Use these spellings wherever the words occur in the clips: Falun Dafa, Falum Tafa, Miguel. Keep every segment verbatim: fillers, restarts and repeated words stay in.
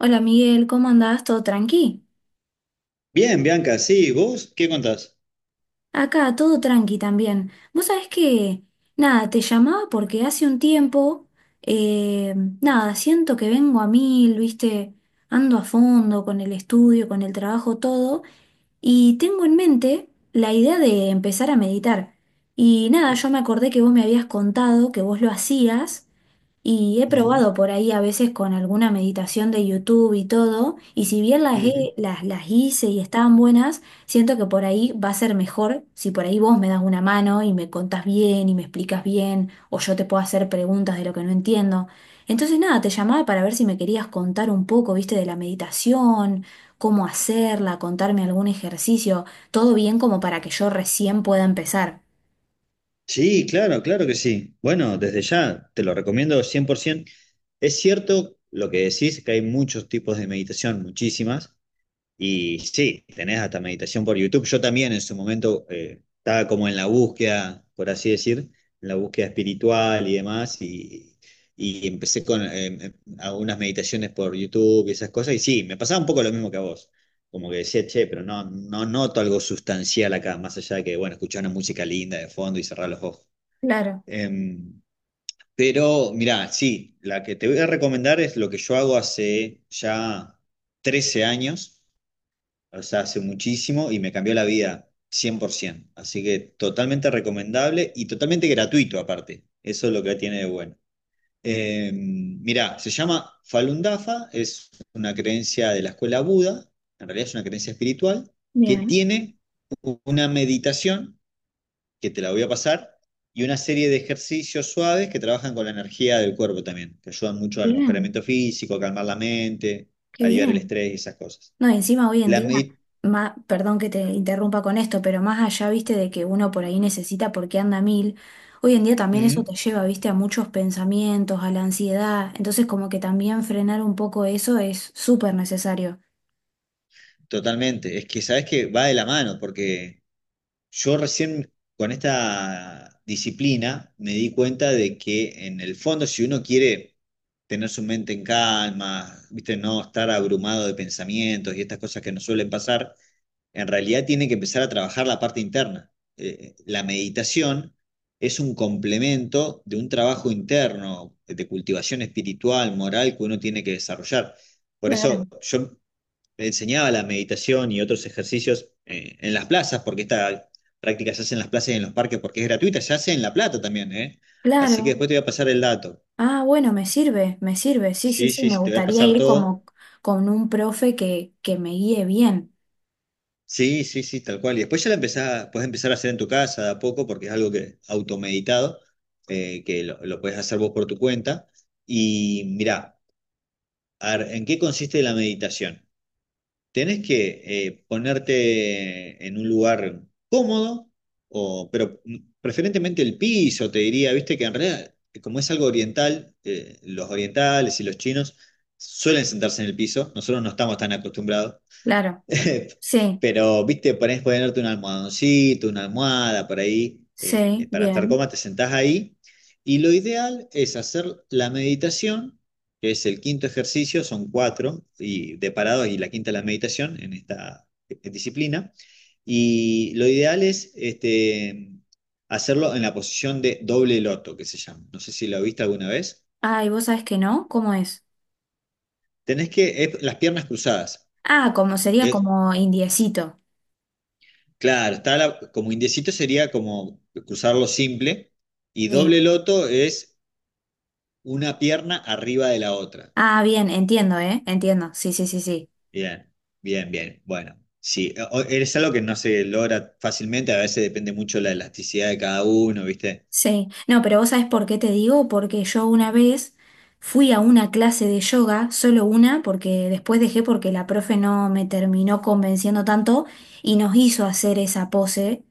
Hola Miguel, ¿cómo andás? ¿Todo tranqui? Bien, Bianca, sí, ¿vos qué contás? Acá, todo tranqui también. Vos sabés que, nada, te llamaba porque hace un tiempo, eh, nada, siento que vengo a mil, viste, ando a fondo con el estudio, con el trabajo, todo, y tengo en mente la idea de empezar a meditar. Y nada, yo me acordé que vos me habías contado que vos lo hacías. Y he Ujú, probado por ahí a veces con alguna meditación de YouTube y todo, y si bien las, ujú. he- las, las hice y estaban buenas, siento que por ahí va a ser mejor si por ahí vos me das una mano y me contás bien y me explicas bien, o yo te puedo hacer preguntas de lo que no entiendo. Entonces nada, te llamaba para ver si me querías contar un poco, viste, de la meditación, cómo hacerla, contarme algún ejercicio, todo bien como para que yo recién pueda empezar. Sí, claro, claro que sí. Bueno, desde ya te lo recomiendo cien por ciento. Es cierto lo que decís, que hay muchos tipos de meditación, muchísimas, y sí, tenés hasta meditación por YouTube. Yo también en su momento eh, estaba como en la búsqueda, por así decir, en la búsqueda espiritual y demás, y, y empecé con eh, em, algunas meditaciones por YouTube y esas cosas, y sí, me pasaba un poco lo mismo que a vos. Como que decía, che, pero no, no noto algo sustancial acá, más allá de que, bueno, escuchar una música linda de fondo y cerrar los ojos. Claro, Em, pero mirá, sí, la que te voy a recomendar es lo que yo hago hace ya trece años, o sea, hace muchísimo y me cambió la vida cien por ciento. Así que totalmente recomendable y totalmente gratuito aparte. Eso es lo que tiene de bueno. Eh, mirá, se llama Falun Dafa, es una creencia de la escuela Buda, en realidad es una creencia espiritual, que bien, tiene una meditación, que te la voy a pasar, y una serie de ejercicios suaves que trabajan con la energía del cuerpo también, que ayudan mucho al mejoramiento bien, físico, calmar la mente, qué aliviar el bien. estrés y esas cosas. No, y encima hoy en La día, meditación... ma- perdón que te interrumpa con esto, pero más allá, viste, de que uno por ahí necesita porque anda a mil, hoy en día también eso te lleva, viste, a muchos pensamientos, a la ansiedad. Entonces, como que también frenar un poco eso es súper necesario. Totalmente, es que sabes que va de la mano, porque yo recién con esta disciplina me di cuenta de que en el fondo si uno quiere tener su mente en calma, viste, no estar abrumado de pensamientos y estas cosas que nos suelen pasar, en realidad tiene que empezar a trabajar la parte interna. Eh, la meditación es un complemento de un trabajo interno, de cultivación espiritual, moral que uno tiene que desarrollar. Por eso Claro. yo me enseñaba la meditación y otros ejercicios eh, en las plazas, porque esta práctica se hace en las plazas y en los parques porque es gratuita, se hace en La Plata también, ¿eh? Así que Claro. después te voy a pasar el dato. Ah, bueno, me sirve, me sirve. Sí, sí, Sí, sí, sí, me sí, te voy a gustaría pasar ir todo. como con un profe que, que me guíe bien. Sí, sí, sí, tal cual. Y después ya la empezás, puedes empezar a hacer en tu casa de a poco, porque es algo que automeditado, eh, que lo, lo puedes hacer vos por tu cuenta. Y mirá, a ver, ¿en qué consiste la meditación? Tenés que eh, ponerte en un lugar cómodo, o, pero preferentemente el piso, te diría, viste que en realidad, eh, como es algo oriental, eh, los orientales y los chinos suelen sentarse en el piso, nosotros no estamos tan acostumbrados. Claro. Sí, Pero, viste, ponés, ponerte un almohadoncito, una almohada por ahí, eh, eh, sí, para estar bien. cómoda, te sentás ahí. Y lo ideal es hacer la meditación, que es el quinto ejercicio, son cuatro, y de parados, y la quinta es la meditación en esta eh, disciplina. Y lo ideal es este, hacerlo en la posición de doble loto, que se llama. No sé si lo viste alguna vez. Ah, ¿y vos sabés que no? ¿Cómo es? Tenés que, es las piernas cruzadas. Ah, como sería Es como indiecito. Claro, está la- como indiecito sería como cruzarlo simple, y Sí. doble loto es una pierna arriba de la otra. Ah, bien, entiendo, ¿eh? Entiendo. Sí, sí, sí, sí. Bien, bien, bien. Bueno, sí, eh, o- es algo que no se logra fácilmente, a veces depende mucho la elasticidad de cada uno, ¿viste? Sí. No, pero vos sabés por qué te digo, porque yo una vez fui a una clase de yoga, solo una, porque después dejé porque la profe no me terminó convenciendo tanto y nos hizo hacer esa pose.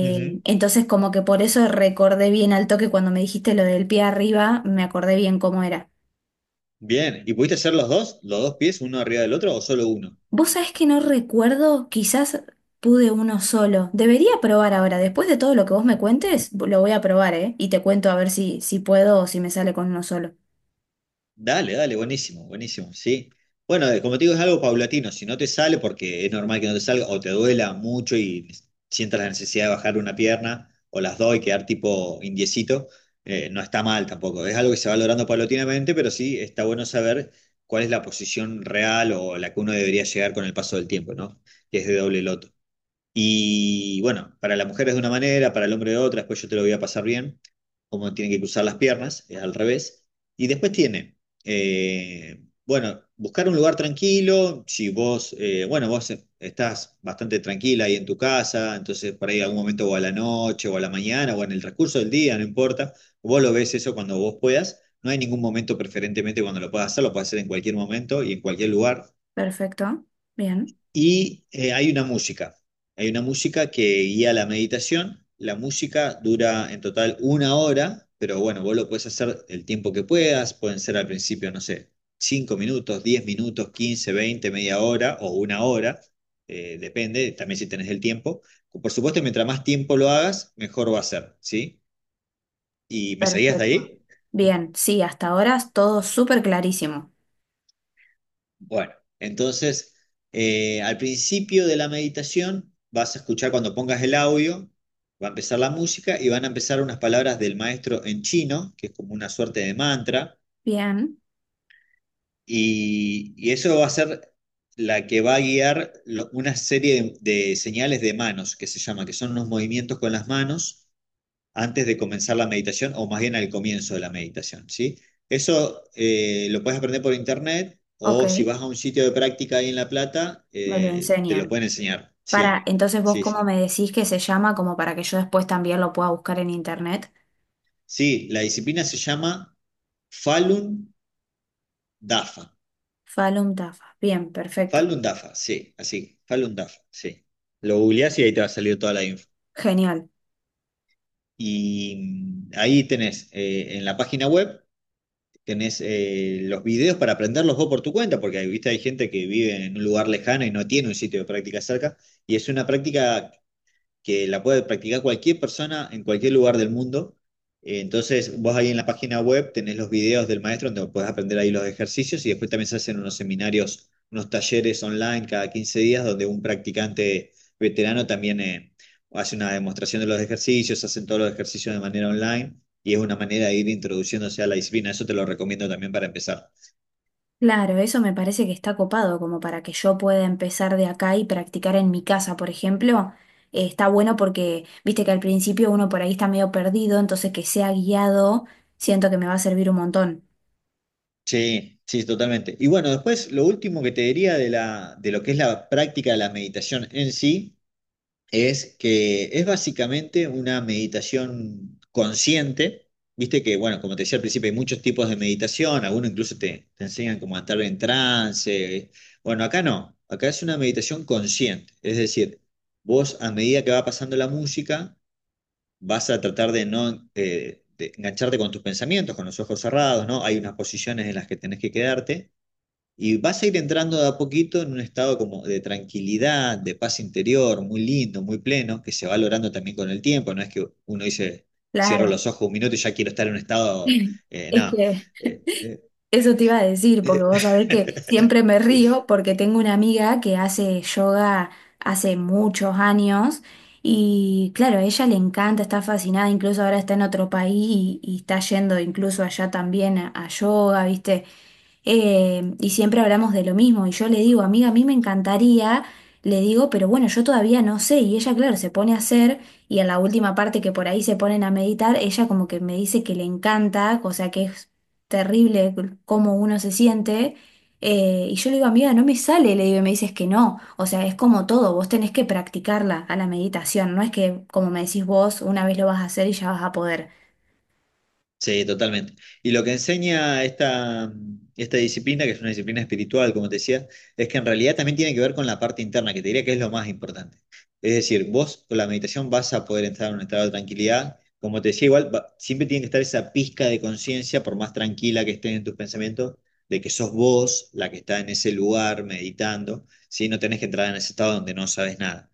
Ujú. entonces como que por eso recordé bien al toque cuando me dijiste lo del pie arriba, me acordé bien cómo era. Bien, ¿y pudiste hacer los dos? ¿Los dos pies, uno arriba del otro o solo uno? Vos sabés que no recuerdo, quizás pude uno solo. Debería probar ahora, después de todo lo que vos me cuentes, lo voy a probar, ¿eh? Y te cuento a ver si, si puedo o si me sale con uno solo. Dale, dale, buenísimo, buenísimo, sí. Bueno, eh, como te digo, es algo paulatino. Si no te sale, porque es normal que no te salga, o te duela mucho y sientas la necesidad de bajar una pierna, o las dos y quedar tipo indiecito, eh, no está mal tampoco. Es algo que se va logrando paulatinamente, pero sí está bueno saber cuál es la posición real o la que uno debería llegar con el paso del tiempo, ¿no? Que es de doble loto. Y bueno, para la mujer es de una manera, para el hombre de otra, después yo te lo voy a pasar bien, cómo tienen que cruzar las piernas, es al revés. Y después tiene, eh, bueno, buscar un lugar tranquilo, si vos, eh, bueno, vos estás bastante tranquila ahí en tu casa, entonces por ahí algún momento o a la noche o a la mañana o en el transcurso del día, no importa, vos lo ves eso cuando vos puedas, no hay ningún momento preferentemente cuando lo puedas hacer, lo puedes hacer en cualquier momento y en cualquier lugar. Perfecto, bien. Y eh, hay una música, hay una música que guía la meditación. La música dura en total una hora, pero bueno, vos lo puedes hacer el tiempo que puedas, pueden ser al principio, no sé, cinco minutos, diez minutos, quince, veinte, media hora o una hora, eh, depende también si tenés el tiempo. Por supuesto, mientras más tiempo lo hagas, mejor va a ser, ¿sí? ¿Y me seguías de Perfecto. ahí? Bien, sí, hasta ahora es todo súper clarísimo. Bueno, entonces, eh, al principio de la meditación vas a escuchar cuando pongas el audio, va a empezar la música y van a empezar unas palabras del maestro en chino, que es como una suerte de mantra, Bien, y, y eso va a ser la que va a guiar lo- una serie de, de señales de manos, que se llama, que son unos movimientos con las manos antes de comenzar la meditación o más bien al comienzo de la meditación, ¿sí? Eso eh, lo puedes aprender por internet ok, o si vas a un sitio de práctica ahí en La Plata, me lo eh, te lo enseñan. pueden enseñar. Para, Sí, entonces vos sí, cómo sí. me decís que se llama como para que yo después también lo pueda buscar en internet. Sí, la disciplina se llama Falun Dafa. Falum Tafa. Bien, perfecto. Falun Dafa, sí, así, Falun Dafa, sí. Lo googleás y ahí te va a salir toda la info. Genial. Y mm, ahí tenés eh, en la página web tenés eh, los videos para aprenderlos vos por tu cuenta, porque ¿viste? Hay gente que vive en un lugar lejano y no tiene un sitio de práctica cerca, y es una práctica que la puede practicar cualquier persona en cualquier lugar del mundo. Eh, Entonces, vos ahí en la página web tenés los videos del maestro donde podés aprender ahí los ejercicios y después también se hacen unos seminarios, unos talleres online cada quince días donde un practicante veterano también eh, hace una demostración de los ejercicios, hacen todos los ejercicios de manera online y es una manera de ir introduciéndose a la disciplina. Eso te lo recomiendo también para empezar. Claro, eso me parece que está copado, como para que yo pueda empezar de acá y practicar en mi casa, por ejemplo. Eh, está bueno porque, viste que al principio uno por ahí está medio perdido, entonces que sea guiado, siento que me va a servir un montón. Sí, sí, totalmente. Y bueno, después lo último que te diría de la, de lo que es la práctica de la meditación en sí es que es básicamente una meditación consciente. Viste que, bueno, como te decía al principio, hay muchos tipos de meditación, algunos incluso te, te enseñan como a estar en trance. Bueno, acá no, acá es una meditación consciente, es decir, vos a medida que va pasando la música, vas a tratar de no eh, de engancharte con tus pensamientos, con los ojos cerrados, ¿no? Hay unas posiciones en las que tenés que quedarte y vas a ir entrando de a poquito en un estado como de tranquilidad, de paz interior, muy lindo, muy pleno, que se va logrando también con el tiempo. No es que uno dice, cierro Claro. los ojos un minuto y ya quiero estar en un estado. eh, Es no. que Eh, eh, eso te iba a decir, porque eh. vos sabés que siempre me río porque tengo una amiga que hace yoga hace muchos años y claro, a ella le encanta, está fascinada, incluso ahora está en otro país y, y está yendo incluso allá también a, a yoga, ¿viste? Eh, y siempre hablamos de lo mismo y yo le digo, amiga, a mí me encantaría, le digo, pero bueno, yo todavía no sé y ella, claro, se pone a hacer y en la última parte que por ahí se ponen a meditar, ella como que me dice que le encanta, o sea que es terrible cómo uno se siente. Eh, y yo le digo, amiga, no me sale, le digo, y me dices que no. O sea, es como todo, vos tenés que practicarla a la meditación, no es que, como me decís vos, una vez lo vas a hacer y ya vas a poder. Sí, totalmente. Y lo que enseña esta, esta disciplina, que es una disciplina espiritual, como te decía, es que en realidad también tiene que ver con la parte interna, que te diría que es lo más importante. Es decir, vos con la meditación vas a poder entrar en un estado de tranquilidad. Como te decía, igual va- siempre tiene que estar esa pizca de conciencia, por más tranquila que estés en tus pensamientos, de que sos vos la que está en ese lugar meditando. Sí, no tenés que entrar en ese estado donde no sabes nada.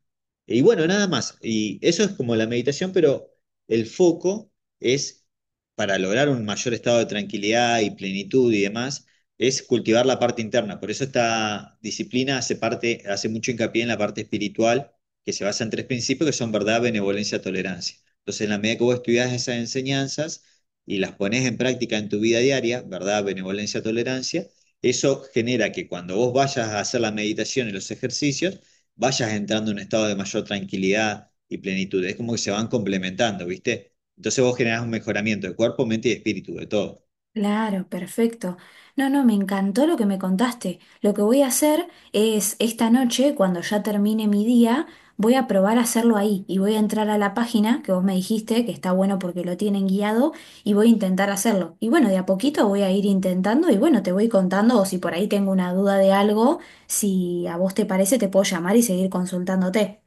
Y bueno, nada más. Y eso es como la meditación, pero el foco es, para lograr un mayor estado de tranquilidad y plenitud y demás, es cultivar la parte interna. Por eso esta disciplina hace parte, hace mucho hincapié en la parte espiritual, que se basa en tres principios que son verdad, benevolencia, tolerancia. Entonces, en la medida que vos estudias esas enseñanzas y las pones en práctica en tu vida diaria, verdad, benevolencia, tolerancia, eso genera que cuando vos vayas a hacer la meditación y los ejercicios, vayas entrando en un estado de mayor tranquilidad y plenitud. Es como que se van complementando, ¿viste? Entonces vos generás un mejoramiento de cuerpo, mente y espíritu, de todo. Claro, perfecto. No, no, me encantó lo que me contaste. Lo que voy a hacer es esta noche, cuando ya termine mi día, voy a probar a hacerlo ahí y voy a entrar a la página que vos me dijiste, que está bueno porque lo tienen guiado, y voy a intentar hacerlo. Y bueno, de a poquito voy a ir intentando y bueno, te voy contando o si por ahí tengo una duda de algo, si a vos te parece, te puedo llamar y seguir consultándote.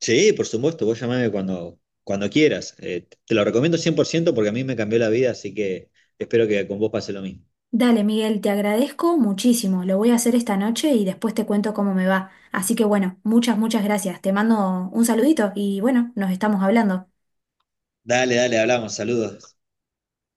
Sí, por supuesto, vos llamame cuando, cuando quieras. Eh, te lo recomiendo cien por ciento porque a mí me cambió la vida, así que espero que con vos pase lo mismo. Dale, Miguel, te agradezco muchísimo. Lo voy a hacer esta noche y después te cuento cómo me va. Así que bueno, muchas, muchas gracias. Te mando un saludito y bueno, nos estamos hablando. Dale, dale, hablamos, saludos.